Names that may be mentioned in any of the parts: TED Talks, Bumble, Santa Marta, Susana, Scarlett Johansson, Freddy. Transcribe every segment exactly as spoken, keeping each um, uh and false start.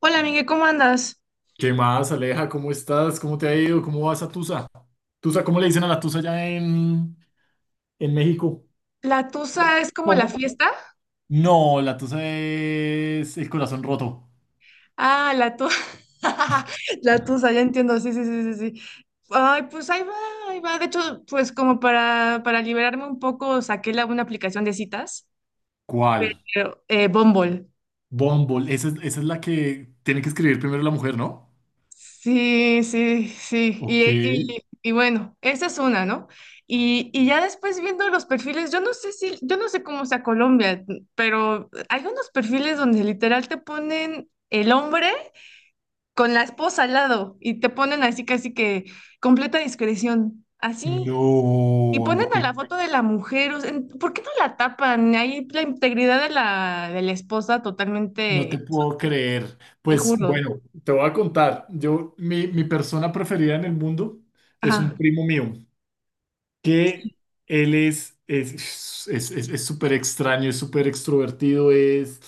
Hola, Miguel, ¿cómo andas? ¿Qué más, Aleja? ¿Cómo estás? ¿Cómo te ha ido? ¿Cómo vas a Tusa? Tusa, ¿cómo le dicen a la Tusa allá en, en México? ¿La tusa es como la ¿Cómo? fiesta? No, la Tusa es el corazón roto. Ah, la tusa. La tusa, ya entiendo, sí, sí, sí, sí, sí. Ay, pues ahí va, ahí va. De hecho, pues como para, para liberarme un poco, saqué la, una aplicación de citas, ¿Cuál? pero eh, Bumble. Bumble. Esa es, esa es la que tiene que escribir primero la mujer, ¿no? Sí, sí, sí. Ok. Y, y, y bueno, esa es una, ¿no? Y, y ya después viendo los perfiles, yo no sé si, yo no sé cómo sea Colombia, pero hay unos perfiles donde literal te ponen el hombre con la esposa al lado y te ponen así casi que completa discreción, así. Y No, no ponen a te, la foto de la mujer, o sea, en- ¿por qué no la tapan? Ahí la integridad de la, de la esposa no te totalmente puedo pisoteada, creer. te Pues juro. bueno, te voy a contar. Yo, mi, mi persona preferida en el mundo es Ajá, un primo mío. Que él es es es es- es súper extraño, es súper extrovertido. es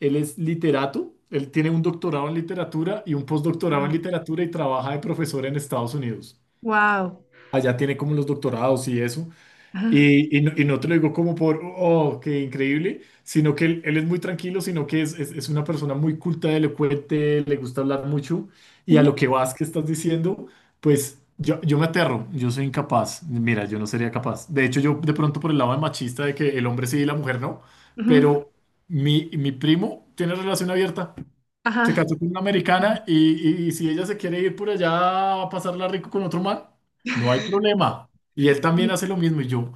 él es literato, él tiene un doctorado en literatura y un postdoctorado en literatura y trabaja de profesor en Estados Unidos. wow. Allá tiene como los doctorados y eso. Ajá, Y, y no, y no te lo digo como por, oh, qué increíble, sino que él, él es muy tranquilo, sino que es, es, es una persona muy culta, elocuente, le gusta hablar mucho. Y a lo que vas que estás diciendo, pues yo, yo me aterro, yo soy incapaz. Mira, yo no sería capaz. De hecho, yo de pronto por el lado de machista de que el hombre sí y la mujer no, ujú, pero mi, mi primo tiene relación abierta. Se ajá, casó con una americana y, y- y si ella se quiere ir por allá a pasarla rico con otro man, no hay problema. Y él también sí, hace lo mismo. Y yo,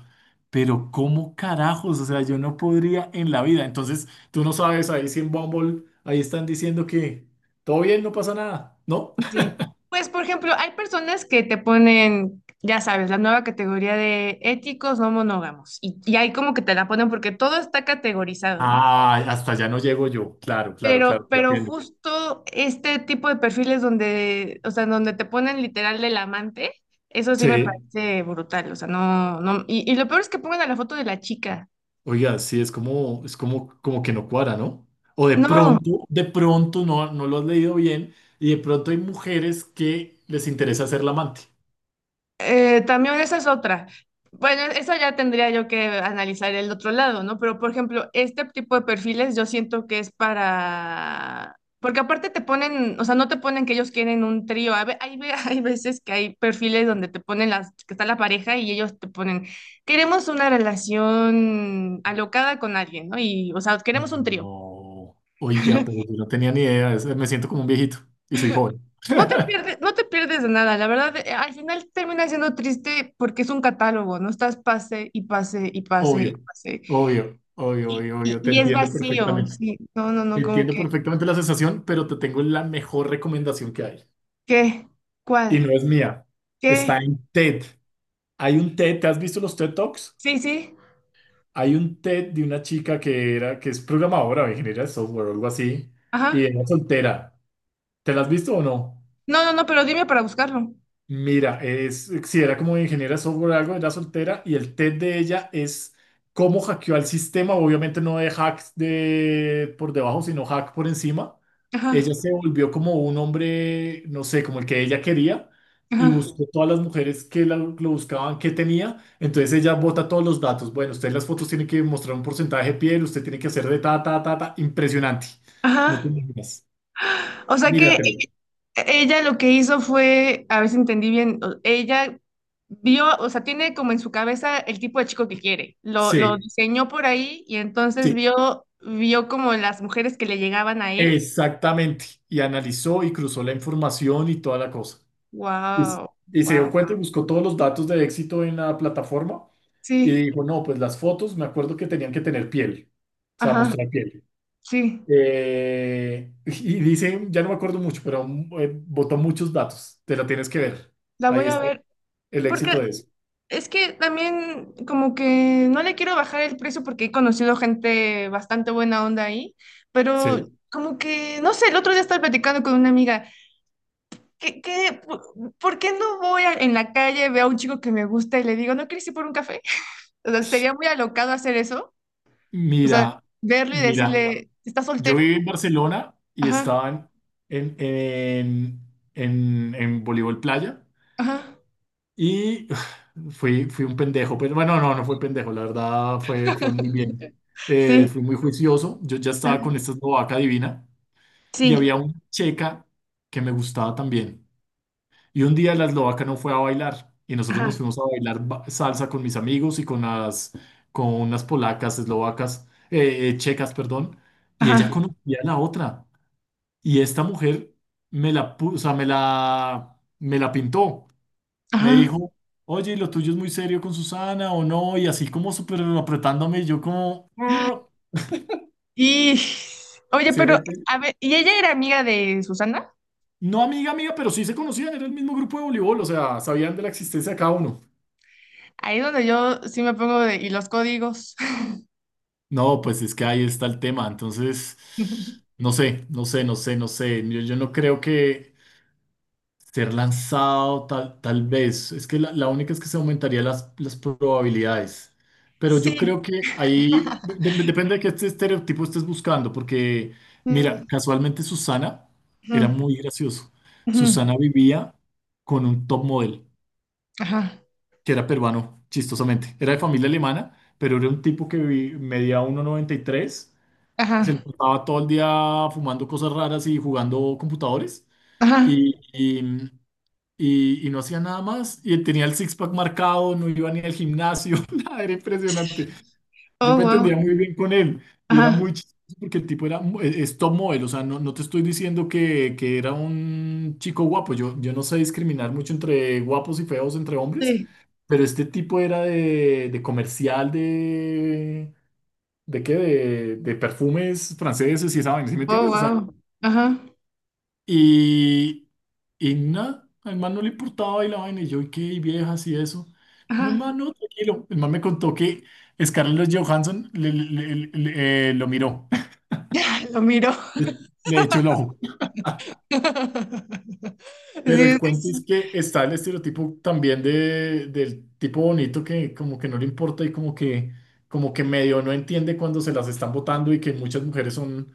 pero ¿cómo carajos? O sea, yo no podría en la vida. Entonces, tú no sabes, ahí sí en Bumble, ahí están diciendo que todo bien, no pasa nada, ¿no? sí. Pues, por ejemplo, hay personas que te ponen, ya sabes, la nueva categoría de éticos no monógamos. Y, y ahí como que te la ponen porque todo está categorizado, ¿no? Ah, hasta allá no llego yo. Claro, claro, claro, Pero, te pero entiendo. justo este tipo de perfiles donde, o sea, donde te ponen literal del amante, eso sí me Sí. parece brutal, o sea, no, no, y, y lo peor es que pongan a la foto de la chica. Oiga, sí, es como, es como, como que no cuadra, ¿no? O de No. pronto, de pronto no, no lo has leído bien y de pronto hay mujeres que les interesa ser la amante. Eh, también esa es otra. Bueno, eso ya tendría yo que analizar el otro lado, ¿no? Pero, por ejemplo, este tipo de perfiles yo siento que es para... Porque aparte te ponen, o sea, no te ponen que ellos quieren un trío. A ve- Hay, ve- hay veces que hay perfiles donde te ponen las, que está la pareja y ellos te ponen, queremos una relación alocada con alguien, ¿no? Y, o sea, queremos un trío. No, oiga, pero yo no tenía ni idea, es- me siento como un viejito y soy joven. No te pierdes, no te pierdes de nada, la verdad, eh, al final termina siendo triste porque es un catálogo, no estás pase y pase y pase y Obvio, pase. obvio, obvio, Y, obvio, y- obvio, te y es entiendo vacío, perfectamente. sí. No, no, no, como Entiendo que, perfectamente la sensación, pero te tengo la mejor recomendación que hay. ¿qué? Y ¿Cuál? no es mía, está ¿Qué? en TED. Hay un TED, ¿te has visto los TED Talks? Sí, sí, Hay un TED de una chica que era, que es programadora o ingeniera de software o algo así, ajá. y era soltera. ¿Te la has visto o no? No, no, no, pero dime para buscarlo. Mira, es, si era como ingeniera de software o algo, era soltera y el TED de ella es cómo hackeó al sistema, obviamente no de hacks de, por debajo, sino hack por encima. Ajá, Ella se volvió como un hombre, no sé, como el que ella quería y ajá, buscó todas las mujeres que la- lo buscaban, que tenía. Entonces ella bota todos los datos. Bueno, usted en las fotos tiene que mostrar un porcentaje de piel, usted tiene que hacer de ta, ta, ta, ta, impresionante. ajá. No te imaginas. O sea que Míratelo. E-, ella lo que hizo fue, a ver si entendí bien, o- ella vio, o sea, tiene como en su cabeza el tipo de chico que quiere. Lo, lo Sí, diseñó por ahí y entonces sí. vio, vio como las mujeres que le llegaban a él. Exactamente. Y analizó y cruzó la información y toda la cosa. Y, s- Wow, y se dio wow. cuenta y buscó todos los datos de éxito en la plataforma y Sí, dijo, no, pues las fotos me acuerdo que tenían que tener piel, o sea, ajá, mostrar piel. sí. Eh, y dice, ya no me acuerdo mucho, pero eh, botó muchos datos, te la tienes que ver. La voy Ahí a está ver. el éxito Porque de eso. es que también como que no le quiero bajar el precio porque he conocido gente bastante buena onda ahí, pero Sí. como que, no sé, el otro día estaba platicando con una amiga. ¿Qué, qué, por, ¿por qué no voy a- en la calle, veo a un chico que me gusta y le digo, ¿no quieres ir por un café? O sea, sería muy alocado hacer eso. O sea, Mira, verlo y mira, decirle, ¿estás yo soltero? viví en Barcelona y Ajá, estaban en, en, en, en voleibol playa. ajá, Y fui, fui un pendejo, pero bueno, no, no fue pendejo, la verdad fue, fue muy bien. Eh, sí, Fui muy juicioso, yo ya estaba ajá, con esta eslovaca divina y sí, había una checa que me gustaba también. Y un día la eslovaca no fue a bailar y nosotros nos ajá, fuimos a bailar ba- salsa con mis amigos y con las, con unas polacas, eslovacas, eh, eh, checas, perdón, y ajá, ella conocía a la otra. Y esta mujer me la, pu- o sea, me la, me la pintó. Me ajá. dijo, oye, lo tuyo es muy serio con Susana o no, y así como súper apretándome, y yo como, "Ah", Y, oye, se pero, mete. a ver, ¿y ella era amiga de Susana? No amiga, amiga, pero sí se conocían, era el mismo grupo de voleibol, o sea, sabían de la existencia de cada uno. Ahí es donde yo sí me pongo de, y los códigos. No, pues es que ahí está el tema, entonces, no sé, no sé, no sé, no sé, yo, yo no creo que ser lanzado tal, tal vez. Es que la, la única es que se aumentaría las, las probabilidades. Pero yo creo Sí. que ahí de- de- depende de qué este estereotipo estés buscando, porque mira, Mm, casualmente Susana era mm, muy gracioso. mm. Susana vivía con un top model, Ajá, que era peruano, chistosamente. Era de familia alemana, pero era un tipo que vi- medía uno noventa y tres. Se le ajá, pasaba todo el día fumando cosas raras y jugando computadores. ajá. Y, y, y no hacía nada más. Y tenía el six-pack marcado, no iba ni al gimnasio, nada, era impresionante. Yo Oh, me wow. entendía muy bien con él y era Ajá, muy chistoso porque el tipo era mu- e- es top model, o sea, no, no te estoy diciendo que, que era un chico guapo, yo, yo no sé discriminar mucho entre guapos y feos, entre hombres, sí. pero este tipo era de, de comercial de... ¿De qué? De, de perfumes franceses y esa vaina, ¿sí me Oh, entiendes? O sea, wow. Ajá, y, y nada, al man no le importaba y la vaina, y yo, ¿y qué? ¿Y viejas y eso? No, el ajá. man, no, tranquilo. El man me contó que Scarlett Johansson le- le- le- le- eh, lo miró, Lo miro. le echó el ojo. Pero Sí, el es que cuento es sí, que está el estereotipo también de, del tipo bonito que como que no le importa y como que, como que medio no entiende cuando se las están botando y que muchas mujeres son,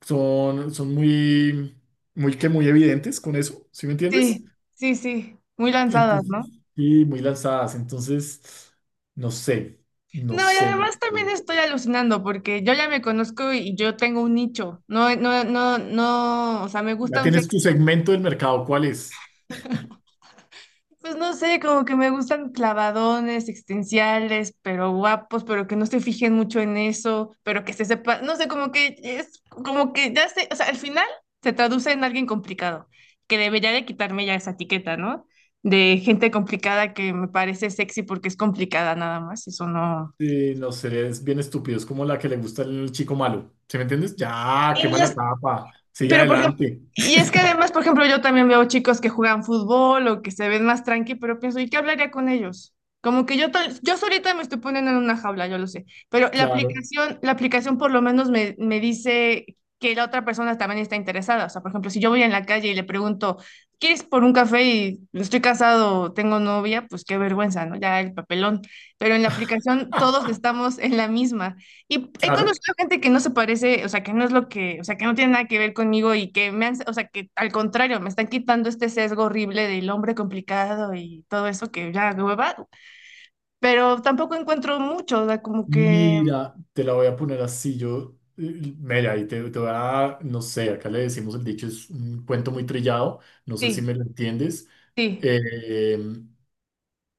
son, son muy, muy que muy evidentes con eso, ¿sí me entiendes? sí, sí, sí, muy lanzadas, Entonces, ¿no? sí, muy lanzadas. Entonces, no sé, no No, y sé, no además también sé. estoy alucinando porque yo ya me conozco y yo tengo un nicho. No, no, no, no, o sea, me Ya gustan. tienes tu segmento del mercado, ¿cuál es? Pues no sé, como que me gustan clavadones, existenciales, pero guapos, pero que no se fijen mucho en eso, pero que se sepa, no sé, como que es, como que ya sé, o sea, al final se traduce en alguien complicado, que debería de quitarme ya esa etiqueta, ¿no? De gente complicada que me parece sexy porque es complicada nada más, eso no. Eh, no sé, es bien estúpido, es como la que le gusta el chico malo. ¿Sí me entiendes? Ya, Y no quema la es. tapa, sigue Pero, por ejemplo, adelante. y es que además, por ejemplo, yo también veo chicos que juegan fútbol o que se ven más tranqui, pero pienso, ¿y qué hablaría con ellos? Como que yo, tal- yo solita me estoy poniendo en una jaula, yo lo sé, pero la Claro, aplicación, la aplicación por lo menos me, me dice que la otra persona también está interesada. O sea, por ejemplo, si yo voy en la calle y le pregunto, ¿quieres por un café y estoy casado, tengo novia? Pues qué vergüenza, ¿no? Ya el papelón. Pero en la aplicación todos estamos en la misma. Y he claro. conocido gente que no se parece, o sea, que no es lo que, o sea, que no tiene nada que ver conmigo y que me han, o sea, que al contrario, me están quitando este sesgo horrible del hombre complicado y todo eso que ya hueva, pero tampoco encuentro mucho, o sea, como que Mira, te la voy a poner así. Yo, eh, mira, y te, te voy a, no sé, acá le decimos el dicho, es un cuento muy trillado, no sé si sí, me lo entiendes. sí. Eh,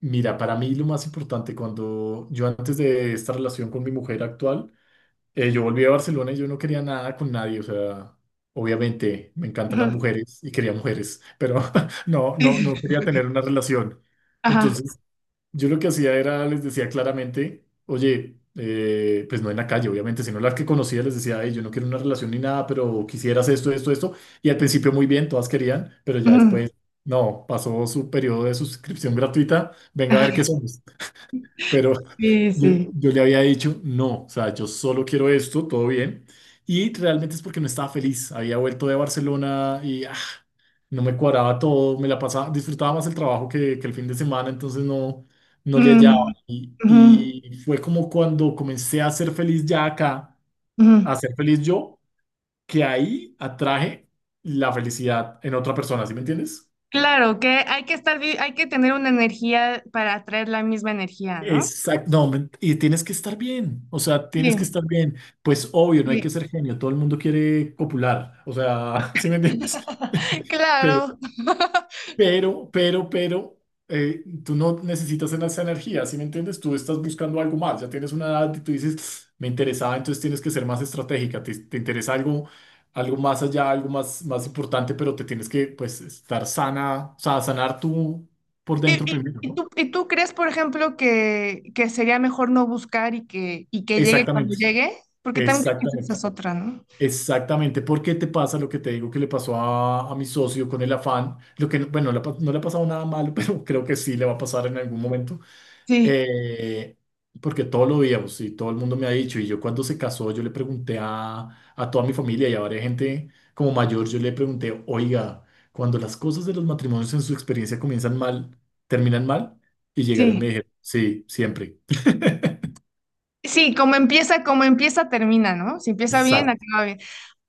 Mira, para mí lo más importante, cuando yo antes de esta relación con mi mujer actual, eh, yo volví a Barcelona y yo no quería nada con nadie, o sea, obviamente me encantan las Ujú, mujeres y quería mujeres, pero no, no, no quería tener una relación. ajá. Entonces, yo lo que hacía era, les decía claramente, oye, eh, pues no en la calle, obviamente, sino las que conocía, les decía, "Ey, yo no quiero una relación ni nada, pero quisieras esto, esto, esto. Y al principio muy bien, todas querían, pero ya Ujú, después, no, pasó su periodo de suscripción gratuita, venga a ver qué ajá, somos. Pero sí, yo, sí. yo le había dicho, no, o sea, yo solo quiero esto, todo bien. Y realmente es porque no estaba feliz, había vuelto de Barcelona y no me cuadraba todo, me la pasaba, disfrutaba más el trabajo que, que el fin de semana, entonces no, no le Ujú, hallaba. Y, ujú, y fue como cuando comencé a ser feliz ya acá, a ujú. ser feliz yo, que ahí atraje la felicidad en otra persona, ¿sí me entiendes? Claro, que hay que estar, vi- hay que tener una energía para atraer la misma energía, ¿no? Exacto, no, men- y tienes que estar bien, o sea, tienes que Sí, estar bien. Pues obvio, no hay que sí. ser genio, todo el mundo quiere copular, o sea, ¿sí me entiendes? Pero, Claro. Pero, pero, pero, eh, tú no necesitas en esa energía, ¿sí me entiendes? Tú estás buscando algo más, ya tienes una edad y tú dices, me interesaba, entonces tienes que ser más estratégica, te, te interesa algo, algo más allá, algo más, más importante, pero te tienes que, pues, estar sana, o sea, sanar tú por ¿Y, dentro y- primero, y ¿no? tú, ¿y tú crees, por ejemplo, que, que sería mejor no buscar y que, y que llegue cuando Exactamente, llegue? Porque también creo que esa exactamente. es otra, ¿no? Exactamente, porque te pasa lo que te digo que le pasó a, a mi socio con el afán, lo que, bueno, le ha pa- no le ha pasado nada malo, pero creo que sí le va a pasar en algún momento. Sí, Eh, Porque todo lo veíamos y todo el mundo me ha dicho, y yo cuando se casó, yo le pregunté a, a toda mi familia y a varias gente como mayor, yo le pregunté, oiga, cuando las cosas de los matrimonios en su experiencia comienzan mal, terminan mal, y llegaron y me sí. dijeron, sí, siempre. Sí, como empieza, como empieza, termina, ¿no? Si empieza bien, Exacto. acaba bien.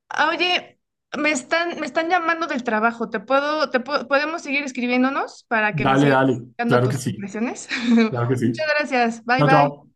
Ah, oye, me están, me están llamando del trabajo. ¿Te puedo, te puedo- ¿podemos seguir escribiéndonos para que me Dale, sigas dale, dando claro que tus sí, impresiones? claro que sí. Muchas gracias. Bye, Chao, bye. chao.